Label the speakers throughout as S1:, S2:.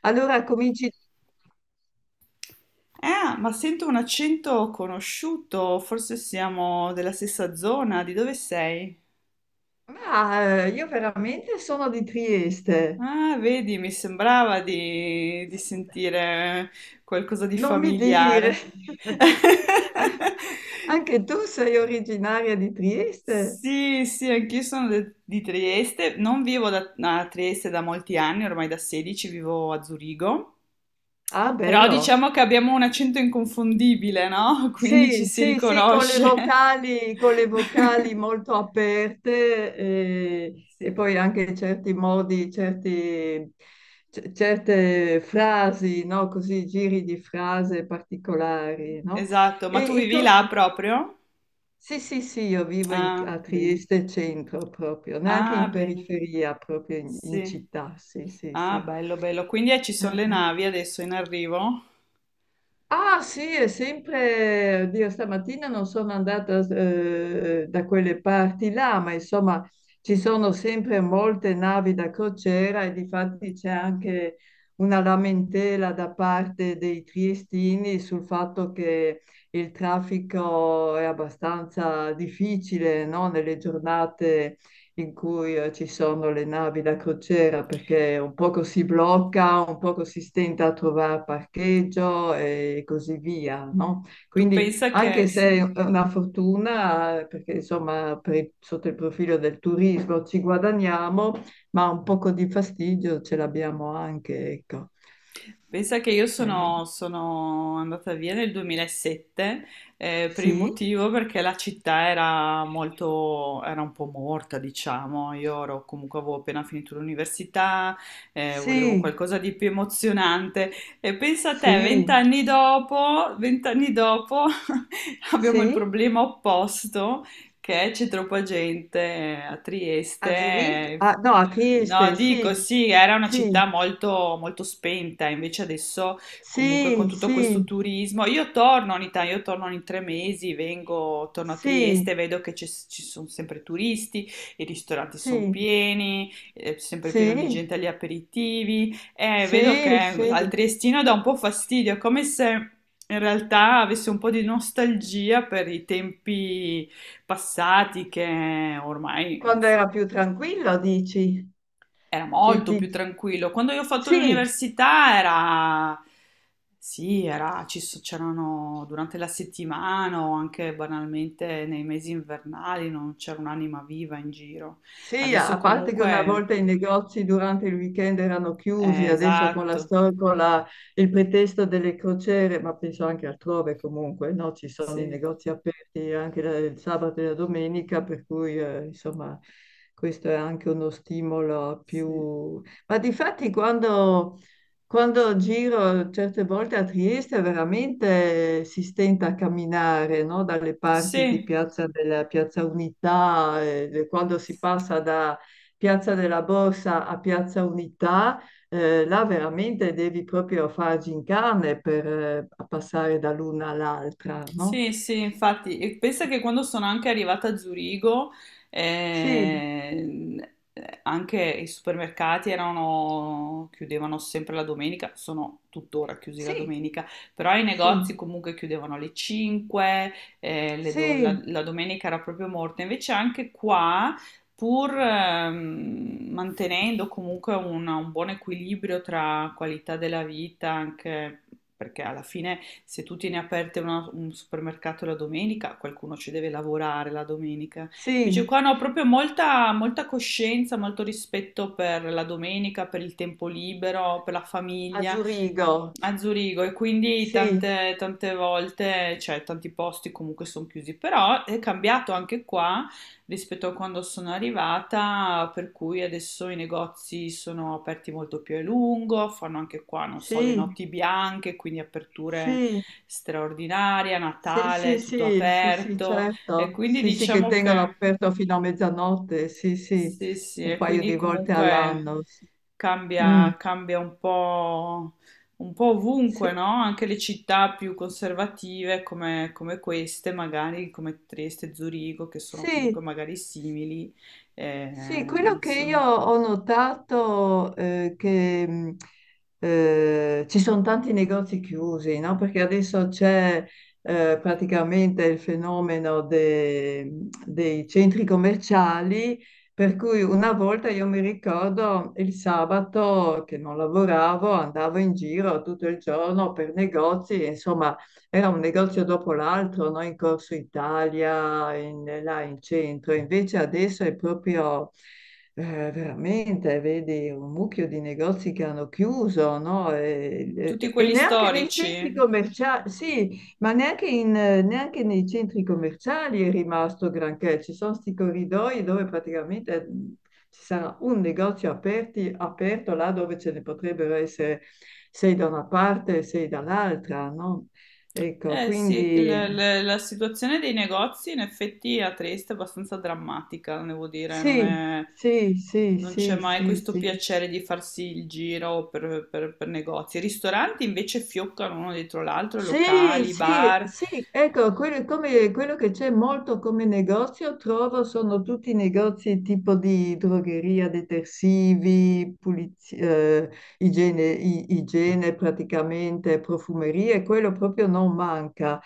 S1: Allora cominci.
S2: Ah, ma sento un accento conosciuto, forse siamo della stessa zona, di dove sei?
S1: Ma io veramente sono di Trieste.
S2: Ah, vedi, mi sembrava di sentire qualcosa di
S1: Non mi dire.
S2: familiare.
S1: Anche tu sei originaria di Trieste?
S2: Sì, sì, anch'io sono di Trieste, non vivo da- a Trieste da molti anni, ormai da 16 vivo a Zurigo,
S1: Ah,
S2: però
S1: bello.
S2: diciamo che abbiamo un accento inconfondibile, no? Quindi ci
S1: Sì,
S2: si
S1: sì, sì, con le
S2: riconosce.
S1: vocali, con le vocali molto aperte e
S2: Sì.
S1: poi anche certi modi, certe frasi, no? Così, giri di frase particolari, no?
S2: Esatto,
S1: E,
S2: ma tu
S1: e
S2: vivi
S1: co-
S2: là proprio?
S1: Sì, sì, sì, io vivo
S2: Ah,
S1: a
S2: bene.
S1: Trieste centro proprio, neanche
S2: Ah,
S1: in
S2: bene.
S1: periferia, proprio in
S2: Sì.
S1: città, sì, sì,
S2: Ah,
S1: sì.
S2: bello, bello. Quindi ci sono le
S1: Eh.
S2: navi adesso in arrivo?
S1: Ah sì, è sempre, oddio, stamattina non sono andata da quelle parti là, ma insomma ci sono sempre molte navi da crociera e difatti c'è anche una lamentela da parte dei triestini sul fatto che il traffico è abbastanza difficile, no? Nelle giornate in cui ci sono le navi da crociera perché un poco si blocca, un poco si stenta a trovare parcheggio e così via, no?
S2: Tu
S1: Quindi
S2: pensa
S1: anche
S2: che...
S1: se
S2: Sì.
S1: è
S2: Mm.
S1: una fortuna, perché insomma per sotto il profilo del turismo ci guadagniamo, ma un poco di fastidio ce l'abbiamo anche, ecco.
S2: Pensa che io
S1: Eh,
S2: sono, sono andata via nel 2007, per il
S1: sì,
S2: motivo perché la città era molto, era un po' morta, diciamo. Io ero, comunque avevo appena finito l'università, volevo
S1: sì,
S2: qualcosa di più emozionante. E pensa a te,
S1: sì,
S2: vent'anni dopo, vent'anni dopo, abbiamo il
S1: sì,
S2: problema opposto. Che c'è troppa gente a Trieste,
S1: a Zurigo, ah, no, a
S2: no,
S1: Trieste,
S2: dico
S1: sì,
S2: sì, era una
S1: sì,
S2: città molto, molto spenta, invece adesso comunque con
S1: sì,
S2: tutto questo
S1: sì.
S2: turismo, io torno ogni tanto, io torno ogni 3 mesi, vengo, torno a
S1: Sì,
S2: Trieste, vedo che ci sono sempre turisti, i ristoranti sono
S1: sì,
S2: pieni, è sempre pieno di
S1: sì,
S2: gente agli aperitivi, e vedo che
S1: sì,
S2: al
S1: sì.
S2: triestino dà un po' fastidio, è come se in realtà avesse un po' di nostalgia per i tempi passati che ormai,
S1: Quando era
S2: insomma
S1: più tranquillo, dici?
S2: era
S1: Ti-
S2: molto più
S1: ti-
S2: tranquillo. Quando io ho fatto
S1: Sì,
S2: l'università era, sì, era, c'erano durante la settimana o anche banalmente nei mesi invernali non c'era un'anima viva in giro.
S1: sì,
S2: Adesso
S1: a parte che una
S2: comunque,
S1: volta i negozi durante il weekend erano chiusi, adesso con la
S2: esatto,
S1: storia, il pretesto delle crociere, ma penso anche altrove comunque, no? Ci sono i
S2: sì,
S1: negozi aperti anche il sabato e la domenica, per cui insomma questo è anche uno stimolo
S2: sì,
S1: più. Ma difatti quando. Quando giro certe volte a Trieste veramente si stenta a camminare, no? Dalle parti di
S2: sì.
S1: Piazza Unità, quando si passa da Piazza della Borsa a Piazza Unità, là veramente devi proprio far gincane per passare dall'una all'altra, no?
S2: Sì, sì, infatti, e pensa che quando sono anche arrivata a Zurigo,
S1: Sì,
S2: ehm, anche i supermercati erano, chiudevano sempre la domenica, sono tuttora chiusi la
S1: sì,
S2: domenica, però i
S1: sì,
S2: negozi comunque chiudevano alle 5, la,
S1: sì,
S2: la domenica era proprio morta. Invece anche qua pur mantenendo comunque un buon equilibrio tra qualità della vita, anche perché alla fine se tu tieni aperte un supermercato la domenica, qualcuno ci deve lavorare la domenica. Invece
S1: sì,
S2: qua no, proprio molta, molta coscienza, molto rispetto per la domenica, per il tempo libero, per la
S1: a
S2: famiglia
S1: Zurigo,
S2: a Zurigo e quindi
S1: sì,
S2: tante, tante volte, cioè tanti posti comunque sono chiusi, però è cambiato anche qua rispetto a quando sono arrivata, per cui adesso i negozi sono aperti molto più a lungo, fanno anche qua, non so, le
S1: sì,
S2: notti bianche, quindi aperture
S1: sì.
S2: straordinarie,
S1: Sì,
S2: Natale,
S1: sì,
S2: tutto
S1: sì, sì, sì,
S2: aperto e
S1: certo.
S2: quindi
S1: Sì, sì, che
S2: diciamo
S1: tengono
S2: che
S1: aperto fino a mezzanotte, sì, sì,
S2: sì, sì,
S1: un
S2: e
S1: paio
S2: quindi
S1: di volte
S2: comunque
S1: all'anno. Sì. Mm,
S2: cambia, cambia un po' ovunque,
S1: sì,
S2: no? Anche le città più conservative come, come queste, magari come Trieste, Zurigo, che sono comunque
S1: sì,
S2: magari simili, eh,
S1: Sì, quello che io
S2: insomma,
S1: ho notato è che ci sono tanti negozi chiusi, no? Perché adesso c'è praticamente il fenomeno dei centri commerciali, per cui una volta io mi ricordo il sabato che non lavoravo, andavo in giro tutto il giorno per negozi, insomma era un negozio dopo l'altro, no? In Corso Italia, là in centro. Invece adesso è proprio eh, veramente, vedi, un mucchio di negozi che hanno chiuso, no? E,
S2: tutti
S1: e- e
S2: quelli
S1: neanche nei centri
S2: storici.
S1: commerciali, sì, ma neanche, neanche nei centri commerciali è rimasto granché. Ci sono sti corridoi dove praticamente ci sarà un negozio aperto là dove ce ne potrebbero essere sei da una parte e sei dall'altra, no? Ecco,
S2: Eh sì,
S1: quindi
S2: la situazione dei negozi in effetti a Trieste è abbastanza drammatica, devo dire,
S1: sì, sì, sì,
S2: non c'è
S1: sì,
S2: mai
S1: sì,
S2: questo
S1: sì.
S2: piacere di farsi il giro per, per negozi. I ristoranti invece fioccano uno dietro l'altro,
S1: Sì,
S2: locali,
S1: sì,
S2: bar.
S1: sì, ecco, quello, quello che c'è molto come negozio, trovo, sono tutti negozi tipo di drogheria, detersivi, igiene, igiene praticamente, profumerie, quello proprio non manca.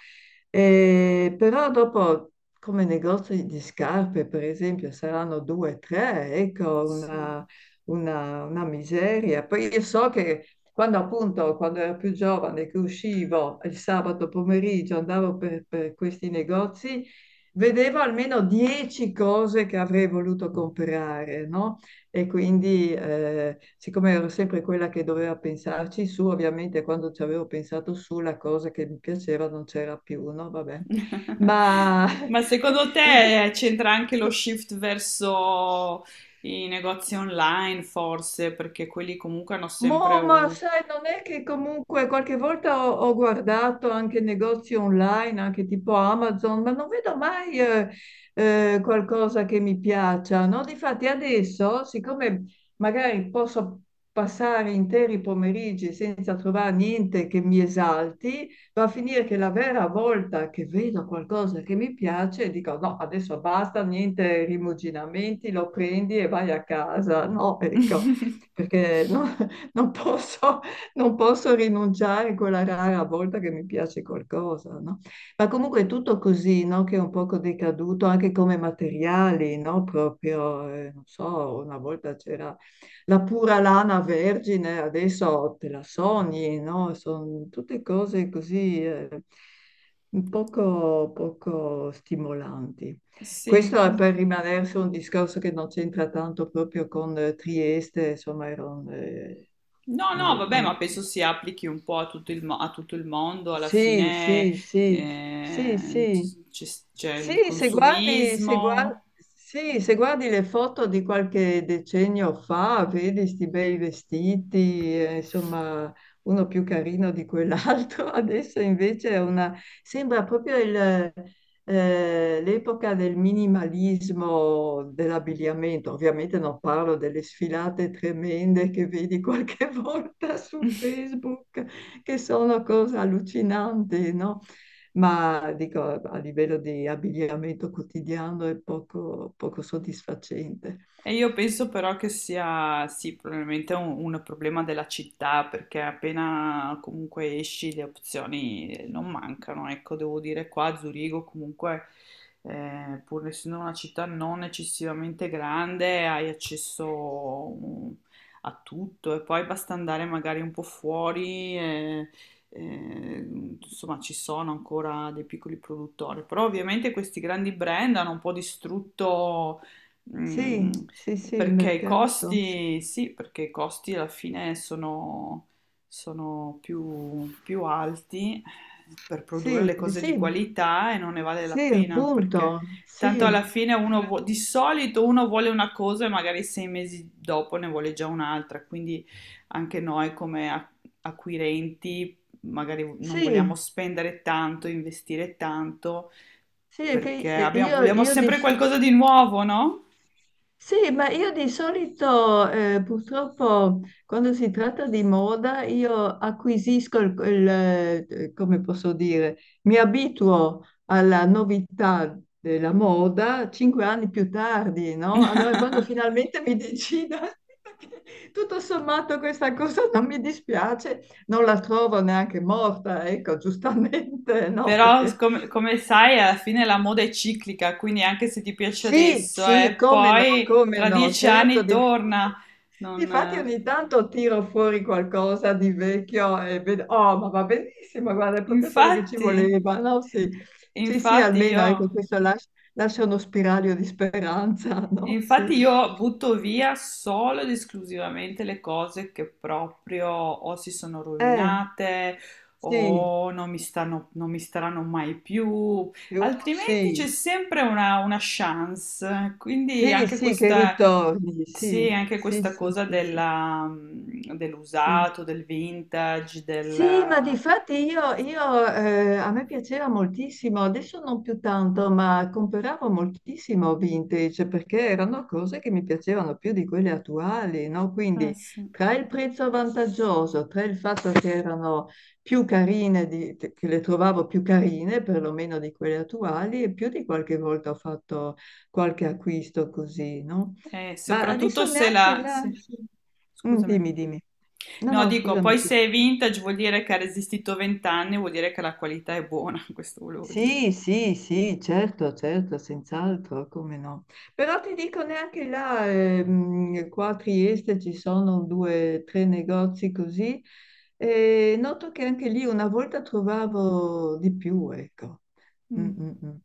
S1: Però dopo, come negozi di scarpe, per esempio, saranno due, tre, ecco,
S2: Sì.
S1: una, una miseria. Poi io so che. Quando appunto, quando ero più giovane, che uscivo il sabato pomeriggio, andavo per questi negozi, vedevo almeno 10 cose che avrei voluto comprare, no? E quindi, siccome ero sempre quella che doveva pensarci su, ovviamente quando ci avevo pensato su, la cosa che mi piaceva non c'era più, no? Vabbè. Ma
S2: Ma secondo
S1: il,
S2: te c'entra anche lo shift verso i negozi online, forse, perché quelli comunque hanno sempre
S1: Boh, ma
S2: un...
S1: sai, non è che comunque qualche volta ho guardato anche negozi online, anche tipo Amazon, ma non vedo mai qualcosa che mi piaccia, no? Difatti adesso, siccome magari posso passare interi pomeriggi senza trovare niente che mi esalti, va a finire che la vera volta che vedo qualcosa che mi piace, dico no, adesso basta, niente rimuginamenti, lo prendi e vai a casa, no? Ecco perché non posso, non posso rinunciare quella rara volta che mi piace qualcosa, no? Ma comunque è tutto così, no? Che è un poco decaduto anche come materiali, no? Proprio, non so, una volta c'era la pura lana vergine, adesso te la sogni, no? Sono tutte cose così, un poco poco stimolanti.
S2: Sì,
S1: Questo è
S2: con-
S1: per rimanere su un discorso che non c'entra tanto proprio con Trieste, insomma, ero
S2: No, no,
S1: nel-
S2: vabbè, ma penso si applichi un po' a tutto il, a tutto il mondo, alla
S1: sì,
S2: fine
S1: sì, sì, sì,
S2: eh,
S1: sì.
S2: c- c'è c'è il
S1: Sì, se guardi, se guar-
S2: consumismo.
S1: sì, se guardi le foto di qualche decennio fa, vedi sti bei vestiti, insomma, uno più carino di quell'altro. Adesso invece è una. Sembra proprio l'epoca del minimalismo dell'abbigliamento. Ovviamente non parlo delle sfilate tremende che vedi qualche volta su Facebook che sono cose allucinanti, no? Ma dico, a livello di abbigliamento quotidiano è poco, poco soddisfacente.
S2: E io penso però che sia, sì, probabilmente un problema della città, perché appena comunque esci le opzioni non mancano. Ecco, devo dire qua a Zurigo comunque, pur essendo una città non eccessivamente grande, hai accesso a tutto e poi basta andare magari un po' fuori. Eh, insomma, ci sono ancora dei piccoli produttori, però ovviamente questi grandi brand hanno un po' distrutto. Mm,
S1: Sì, sì, sì, il
S2: perché i
S1: mercato, sì.
S2: costi, sì, perché i costi alla fine sono, sono più, più alti per produrre le
S1: Sì,
S2: cose di
S1: sì,
S2: qualità e non ne vale la
S1: sì,
S2: pena perché
S1: appunto,
S2: tanto alla
S1: sì,
S2: fine di solito uno vuole una cosa e magari sei mesi dopo ne vuole già un'altra, quindi anche noi come acquirenti magari non vogliamo
S1: sì,
S2: spendere tanto, investire tanto
S1: sì, è che
S2: perché
S1: io,
S2: vogliamo
S1: io
S2: sempre
S1: dis-
S2: qualcosa di nuovo, no?
S1: Sì, ma io di solito purtroppo quando si tratta di moda io acquisisco come posso dire, mi abituo alla novità della moda 5 anni più tardi, no? Allora quando finalmente mi decido, che tutto sommato questa cosa non mi dispiace, non la trovo neanche morta, ecco, giustamente, no?
S2: Però,
S1: Perché.
S2: come, come sai, alla fine la moda è ciclica, quindi anche se ti piace
S1: Sì,
S2: adesso,
S1: sì, come no,
S2: poi
S1: come
S2: tra
S1: no,
S2: dieci
S1: certo.
S2: anni torna. Non...
S1: Difatti ogni tanto tiro fuori qualcosa di vecchio e vedo, oh, ma va benissimo, guarda, è proprio quello che ci
S2: Infatti,
S1: voleva, no? Sì, sì, sì,
S2: infatti
S1: almeno ecco,
S2: io...
S1: questo lascia uno spiraglio di speranza, no?
S2: infatti
S1: Sì.
S2: io butto via solo ed esclusivamente le cose che proprio o si sono
S1: Eh,
S2: rovinate
S1: sì,
S2: o non mi stanno, non mi staranno mai più,
S1: più
S2: altrimenti c'è
S1: sì,
S2: sempre una chance. Quindi
S1: sì,
S2: anche
S1: sì, che
S2: questa,
S1: ritorni,
S2: sì,
S1: sì,
S2: anche
S1: sì,
S2: questa
S1: sì,
S2: cosa
S1: sì, sì,
S2: della, mm,
S1: sì.
S2: dell'usato, del vintage,
S1: Sì, ma
S2: del...
S1: di fatti a me piaceva moltissimo, adesso non più tanto, ma compravo moltissimo vintage perché erano cose che mi piacevano più di quelle attuali, no? Quindi
S2: sì.
S1: tra il prezzo vantaggioso, tra il fatto che erano più carine, che le trovavo più carine perlomeno di quelle attuali e più di qualche volta ho fatto qualche acquisto così, no? Ma
S2: Soprattutto
S1: adesso
S2: se
S1: neanche
S2: la...
S1: là.
S2: sì.
S1: Mm,
S2: Scusami.
S1: Dimmi, dimmi. No,
S2: No,
S1: no,
S2: dico,
S1: scusami
S2: poi
S1: tu.
S2: se è vintage vuol dire che ha resistito 20 anni, vuol dire che la qualità è buona, questo volevo dire.
S1: Sì, sì, sì, certo, certo, senz'altro, come no. Però ti dico neanche là, qua a Trieste ci sono due, tre negozi così, e noto che anche lì una volta trovavo di più, ecco. Mm,
S2: Mm.
S1: mm, mm.